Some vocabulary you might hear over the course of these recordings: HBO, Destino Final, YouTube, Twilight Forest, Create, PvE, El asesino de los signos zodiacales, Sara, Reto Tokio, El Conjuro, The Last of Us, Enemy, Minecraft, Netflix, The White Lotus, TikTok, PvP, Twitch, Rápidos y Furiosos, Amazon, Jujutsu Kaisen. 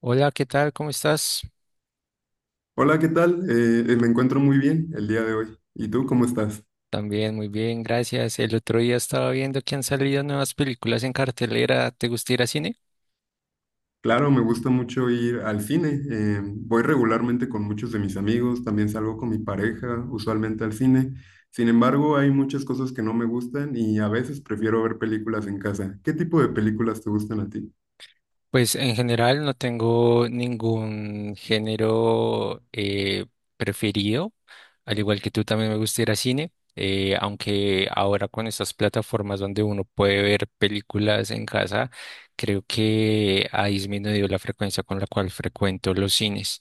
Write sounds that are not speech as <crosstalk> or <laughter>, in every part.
Hola, ¿qué tal? ¿Cómo estás? Hola, ¿qué tal? Me encuentro muy bien el día de hoy. ¿Y tú cómo estás? También muy bien, gracias. El otro día estaba viendo que han salido nuevas películas en cartelera. ¿Te gusta ir a cine? Claro, me gusta mucho ir al cine. Voy regularmente con muchos de mis amigos, también salgo con mi pareja, usualmente al cine. Sin embargo, hay muchas cosas que no me gustan y a veces prefiero ver películas en casa. ¿Qué tipo de películas te gustan a ti? Pues en general no tengo ningún género preferido. Al igual que tú también me gusta ir a cine, aunque ahora con estas plataformas donde uno puede ver películas en casa, creo que ha disminuido la frecuencia con la cual frecuento los cines.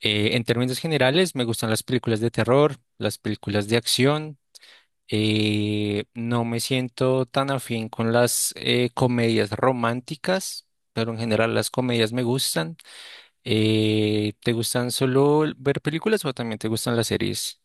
En términos generales, me gustan las películas de terror, las películas de acción. No me siento tan afín con las comedias románticas, pero en general las comedias me gustan. ¿Te gustan solo ver películas o también te gustan las series?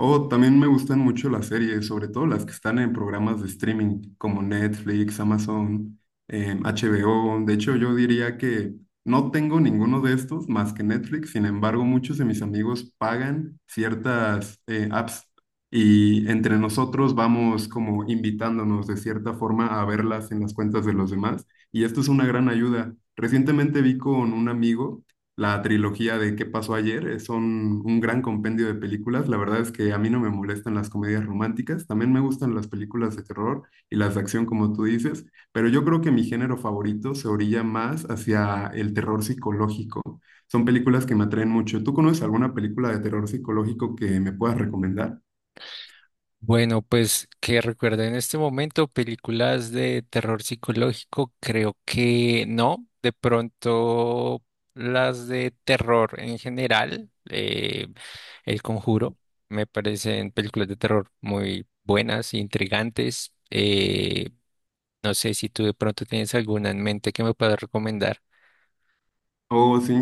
Oh, también me gustan mucho las series, sobre todo las que están en programas de streaming como Netflix, Amazon, HBO. De hecho, yo diría que no tengo ninguno de estos más que Netflix. Sin embargo, muchos de mis amigos pagan ciertas apps y entre nosotros vamos como invitándonos de cierta forma a verlas en las cuentas de los demás. Y esto es una gran ayuda. Recientemente vi con un amigo la trilogía de ¿Qué pasó ayer? Son un gran compendio de películas. La verdad es que a mí no me molestan las comedias románticas, también me gustan las películas de terror y las de acción, como tú dices, pero yo creo que mi género favorito se orilla más hacia el terror psicológico. Son películas que me atraen mucho. ¿Tú conoces alguna película de terror psicológico que me puedas recomendar? Bueno, pues que recuerdo en este momento películas de terror psicológico, creo que no. De pronto las de terror en general, El Conjuro, me parecen películas de terror muy buenas, intrigantes. No sé si tú de pronto tienes alguna en mente que me puedas recomendar. Oh, sí,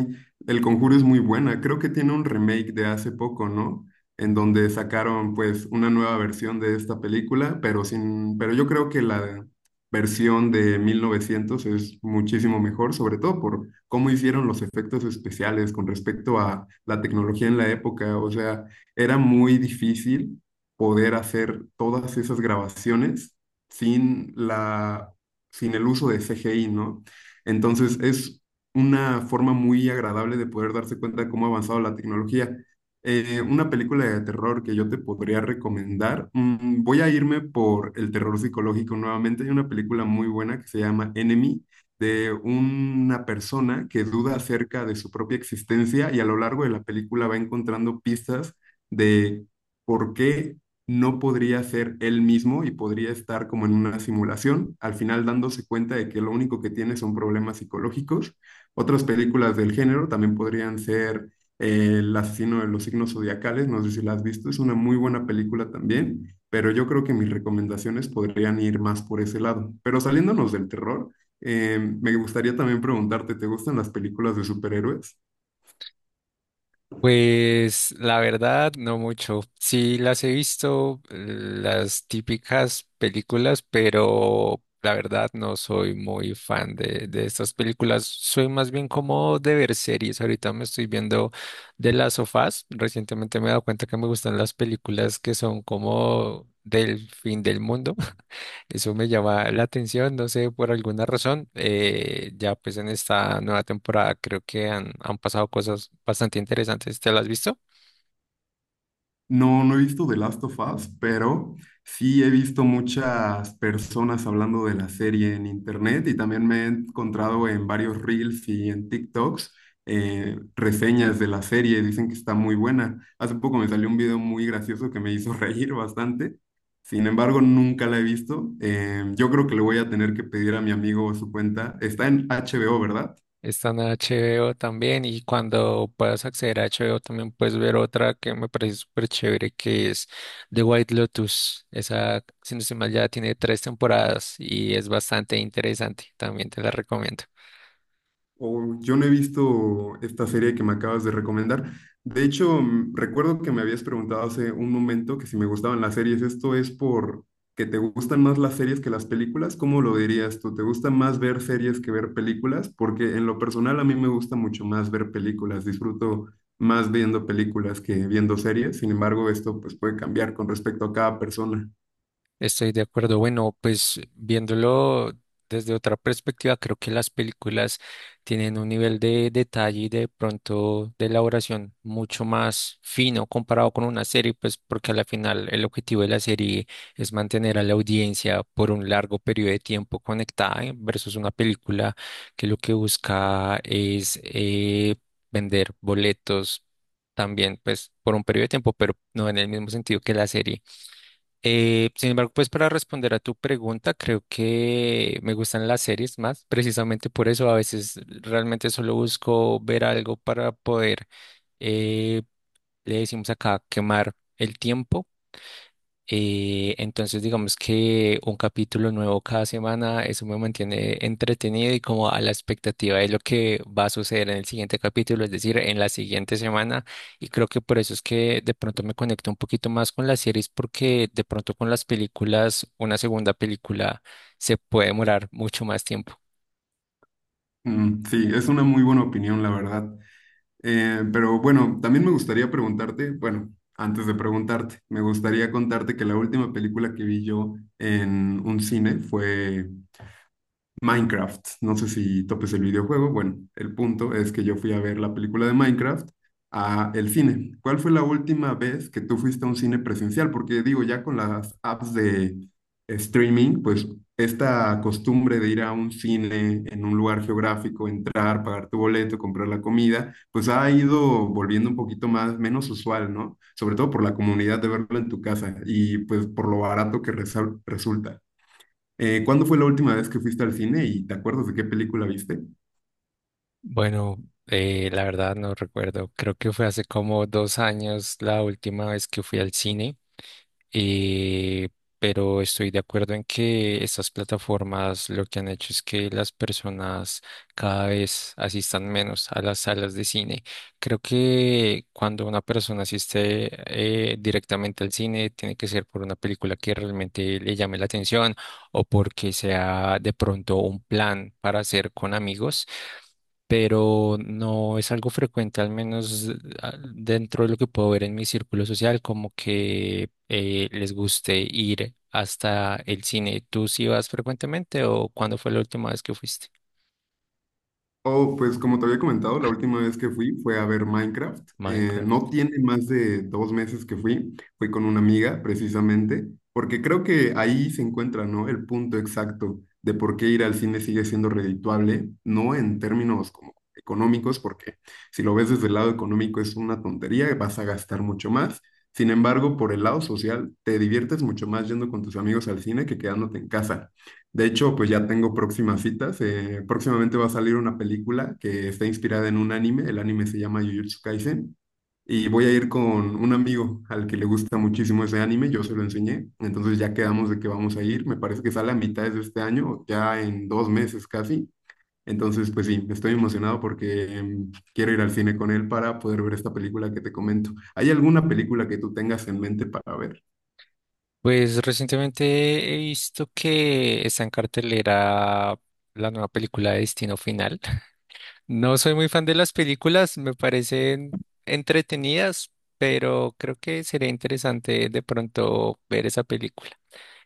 El Conjuro es muy buena. Creo que tiene un remake de hace poco, ¿no? En donde sacaron pues una nueva versión de esta película, pero sin, pero yo creo que la versión de 1900 es muchísimo mejor, sobre todo por cómo hicieron los efectos especiales con respecto a la tecnología en la época. O sea, era muy difícil poder hacer todas esas grabaciones sin la, sin el uso de CGI, ¿no? Entonces es una forma muy agradable de poder darse cuenta de cómo ha avanzado la tecnología. Una película de terror que yo te podría recomendar, voy a irme por el terror psicológico nuevamente. Hay una película muy buena que se llama Enemy, de una persona que duda acerca de su propia existencia y a lo largo de la película va encontrando pistas de por qué no podría ser él mismo y podría estar como en una simulación, al final dándose cuenta de que lo único que tiene son problemas psicológicos. Otras películas del género también podrían ser El asesino de los signos zodiacales, no sé si la has visto, es una muy buena película también, pero yo creo que mis recomendaciones podrían ir más por ese lado. Pero saliéndonos del terror, me gustaría también preguntarte, ¿te gustan las películas de superhéroes? Pues la verdad, no mucho. Sí las he visto, las típicas películas, pero la verdad no soy muy fan de estas películas. Soy más bien como de ver series. Ahorita me estoy viendo de las sofás. Recientemente me he dado cuenta que me gustan las películas que son como del fin del mundo. Eso me llama la atención, no sé, por alguna razón. Ya pues en esta nueva temporada creo que han pasado cosas bastante interesantes. ¿Te las has visto? No, no he visto The Last of Us, pero sí he visto muchas personas hablando de la serie en internet y también me he encontrado en varios reels y en TikToks reseñas de la serie. Dicen que está muy buena. Hace poco me salió un video muy gracioso que me hizo <laughs> reír bastante. Sin embargo, nunca la he visto. Yo creo que le voy a tener que pedir a mi amigo su cuenta. Está en HBO, ¿verdad? Está en HBO también y cuando puedas acceder a HBO también puedes ver otra que me parece súper chévere que es The White Lotus. Esa, si no estoy mal, ya tiene tres temporadas y es bastante interesante. También te la recomiendo. Oh, yo no he visto esta serie que me acabas de recomendar. De hecho, recuerdo que me habías preguntado hace un momento que si me gustaban las series. ¿Esto es por que te gustan más las series que las películas? ¿Cómo lo dirías tú? ¿Te gusta más ver series que ver películas? Porque en lo personal a mí me gusta mucho más ver películas. Disfruto más viendo películas que viendo series. Sin embargo, esto pues puede cambiar con respecto a cada persona. Estoy de acuerdo. Bueno, pues viéndolo desde otra perspectiva, creo que las películas tienen un nivel de detalle y de pronto de elaboración mucho más fino comparado con una serie, pues porque a la final el objetivo de la serie es mantener a la audiencia por un largo periodo de tiempo conectada, versus una película que lo que busca es vender boletos. También pues por un periodo de tiempo, pero no en el mismo sentido que la serie. Sin embargo, pues para responder a tu pregunta, creo que me gustan las series más, precisamente por eso a veces realmente solo busco ver algo para poder, eh, le decimos acá, quemar el tiempo. Entonces, digamos que un capítulo nuevo cada semana, eso me mantiene entretenido y como a la expectativa de lo que va a suceder en el siguiente capítulo, es decir, en la siguiente semana. Y creo que por eso es que de pronto me conecto un poquito más con las series, porque de pronto con las películas, una segunda película se puede demorar mucho más tiempo. Mm, sí, es una muy buena opinión, la verdad. Pero bueno, también me gustaría preguntarte, bueno, antes de preguntarte, me gustaría contarte que la última película que vi yo en un cine fue Minecraft. No sé si topes el videojuego. Bueno, el punto es que yo fui a ver la película de Minecraft a el cine. ¿Cuál fue la última vez que tú fuiste a un cine presencial? Porque digo, ya con las apps de streaming, pues esta costumbre de ir a un cine en un lugar geográfico, entrar, pagar tu boleto, comprar la comida, pues ha ido volviendo un poquito más, menos usual, ¿no? Sobre todo por la comunidad de verlo en tu casa y pues por lo barato que resulta. ¿Cuándo fue la última vez que fuiste al cine y te acuerdas de qué película viste? Bueno, la verdad no recuerdo, creo que fue hace como dos años la última vez que fui al cine. Eh, pero estoy de acuerdo en que estas plataformas lo que han hecho es que las personas cada vez asistan menos a las salas de cine. Creo que cuando una persona asiste directamente al cine, tiene que ser por una película que realmente le llame la atención o porque sea de pronto un plan para hacer con amigos, pero no es algo frecuente, al menos dentro de lo que puedo ver en mi círculo social, como que les guste ir hasta el cine. ¿Tú sí vas frecuentemente o cuándo fue la última vez que fuiste? Oh, pues como te había comentado, la Ah, última vez que fui fue a ver Minecraft. Eh, Minecraft. no tiene más de 2 meses que fui. Fui con una amiga, precisamente, porque creo que ahí se encuentra, ¿no? El punto exacto de por qué ir al cine sigue siendo redituable, no en términos como económicos, porque si lo ves desde el lado económico es una tontería, vas a gastar mucho más. Sin embargo, por el lado social, te diviertes mucho más yendo con tus amigos al cine que quedándote en casa. De hecho, pues ya tengo próximas citas. Próximamente va a salir una película que está inspirada en un anime. El anime se llama Jujutsu Kaisen. Y voy a ir con un amigo al que le gusta muchísimo ese anime. Yo se lo enseñé. Entonces ya quedamos de que vamos a ir. Me parece que sale a mitades de este año, ya en 2 meses casi. Entonces, pues sí, estoy emocionado porque quiero ir al cine con él para poder ver esta película que te comento. ¿Hay alguna película que tú tengas en mente para ver? Pues recientemente he visto que está en cartelera la nueva película de Destino Final. <laughs> No soy muy fan de las películas, me parecen entretenidas, pero creo que sería interesante de pronto ver esa película.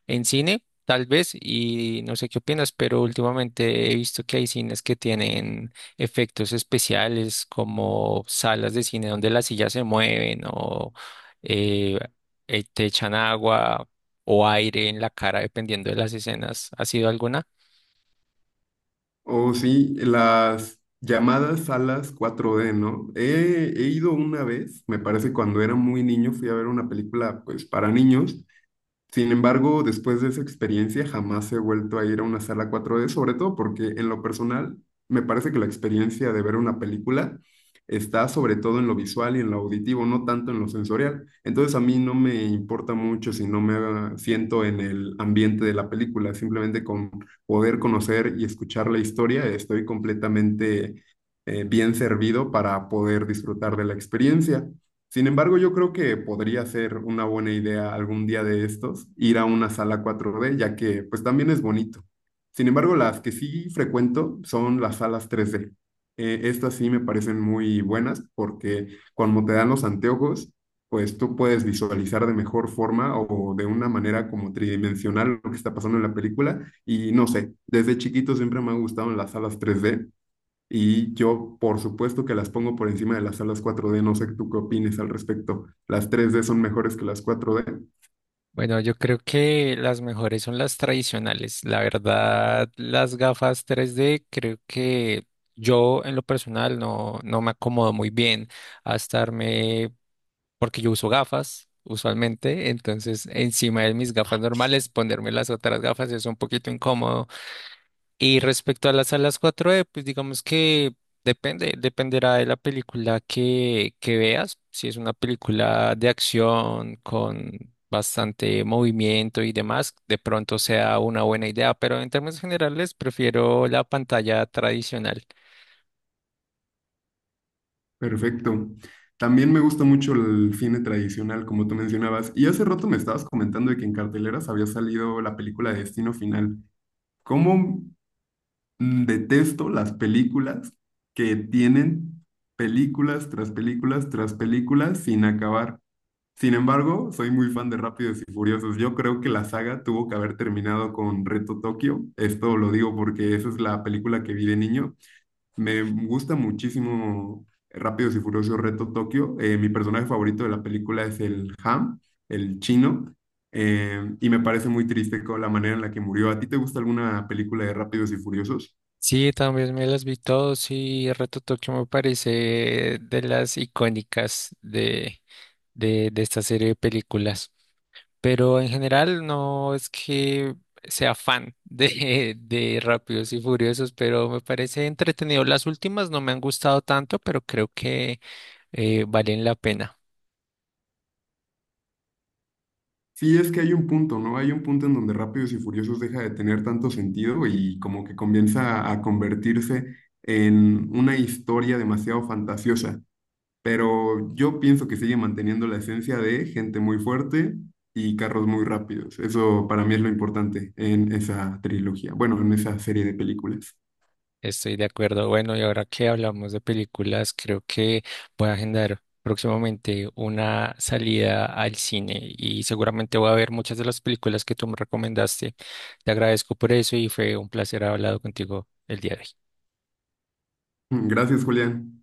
En cine, tal vez, y no sé qué opinas, pero últimamente he visto que hay cines que tienen efectos especiales como salas de cine donde las sillas se mueven o eh, te echan agua o aire en la cara dependiendo de las escenas. ¿Ha sido alguna? Oh, sí, las llamadas salas 4D, ¿no? He ido una vez, me parece cuando era muy niño, fui a ver una película pues para niños. Sin embargo, después de esa experiencia, jamás he vuelto a ir a una sala 4D, sobre todo porque en lo personal me parece que la experiencia de ver una película está sobre todo en lo visual y en lo auditivo, no tanto en lo sensorial. Entonces a mí no me importa mucho si no me siento en el ambiente de la película, simplemente con poder conocer y escuchar la historia, estoy completamente bien servido para poder disfrutar de la experiencia. Sin embargo, yo creo que podría ser una buena idea algún día de estos ir a una sala 4D, ya que pues también es bonito. Sin embargo, las que sí frecuento son las salas 3D. Estas sí me parecen muy buenas porque cuando te dan los anteojos, pues tú puedes visualizar de mejor forma o de una manera como tridimensional lo que está pasando en la película. Y no sé, desde chiquito siempre me han gustado las salas 3D y yo, por supuesto que las pongo por encima de las salas 4D, no sé tú qué opines al respecto. Las 3D son mejores que las 4D. Bueno, yo creo que las mejores son las tradicionales. La verdad, las gafas 3D, creo que yo en lo personal no me acomodo muy bien a estarme porque yo uso gafas usualmente, entonces encima de mis gafas normales ponerme las otras gafas es un poquito incómodo. Y respecto a las salas 4D, pues digamos que depende, dependerá de la película que veas. Si es una película de acción con bastante movimiento y demás, de pronto sea una buena idea, pero en términos generales prefiero la pantalla tradicional. Perfecto. También me gusta mucho el cine tradicional, como tú mencionabas. Y hace rato me estabas comentando de que en carteleras había salido la película de Destino Final. ¿Cómo detesto las películas que tienen películas tras películas tras películas sin acabar? Sin embargo, soy muy fan de Rápidos y Furiosos. Yo creo que la saga tuvo que haber terminado con Reto Tokio. Esto lo digo porque esa es la película que vi de niño. Me gusta muchísimo Rápidos y Furiosos Reto Tokio. Mi personaje favorito de la película es el Ham, el chino. Y me parece muy triste con la manera en la que murió. ¿A ti te gusta alguna película de Rápidos y Furiosos? Sí, también me las vi todos y Reto Tokio me parece de las icónicas de esta serie de películas. Pero en general no es que sea fan <laughs> de Rápidos y Furiosos, pero me parece entretenido. Las últimas no me han gustado tanto, pero creo que valen la pena. Sí, es que hay un punto, ¿no? Hay un punto en donde Rápidos y Furiosos deja de tener tanto sentido y como que comienza a convertirse en una historia demasiado fantasiosa. Pero yo pienso que sigue manteniendo la esencia de gente muy fuerte y carros muy rápidos. Eso para mí es lo importante en esa trilogía, bueno, en esa serie de películas. Estoy de acuerdo. Bueno, y ahora que hablamos de películas, creo que voy a agendar próximamente una salida al cine y seguramente voy a ver muchas de las películas que tú me recomendaste. Te agradezco por eso y fue un placer haber hablado contigo el día de hoy. Gracias, Julián.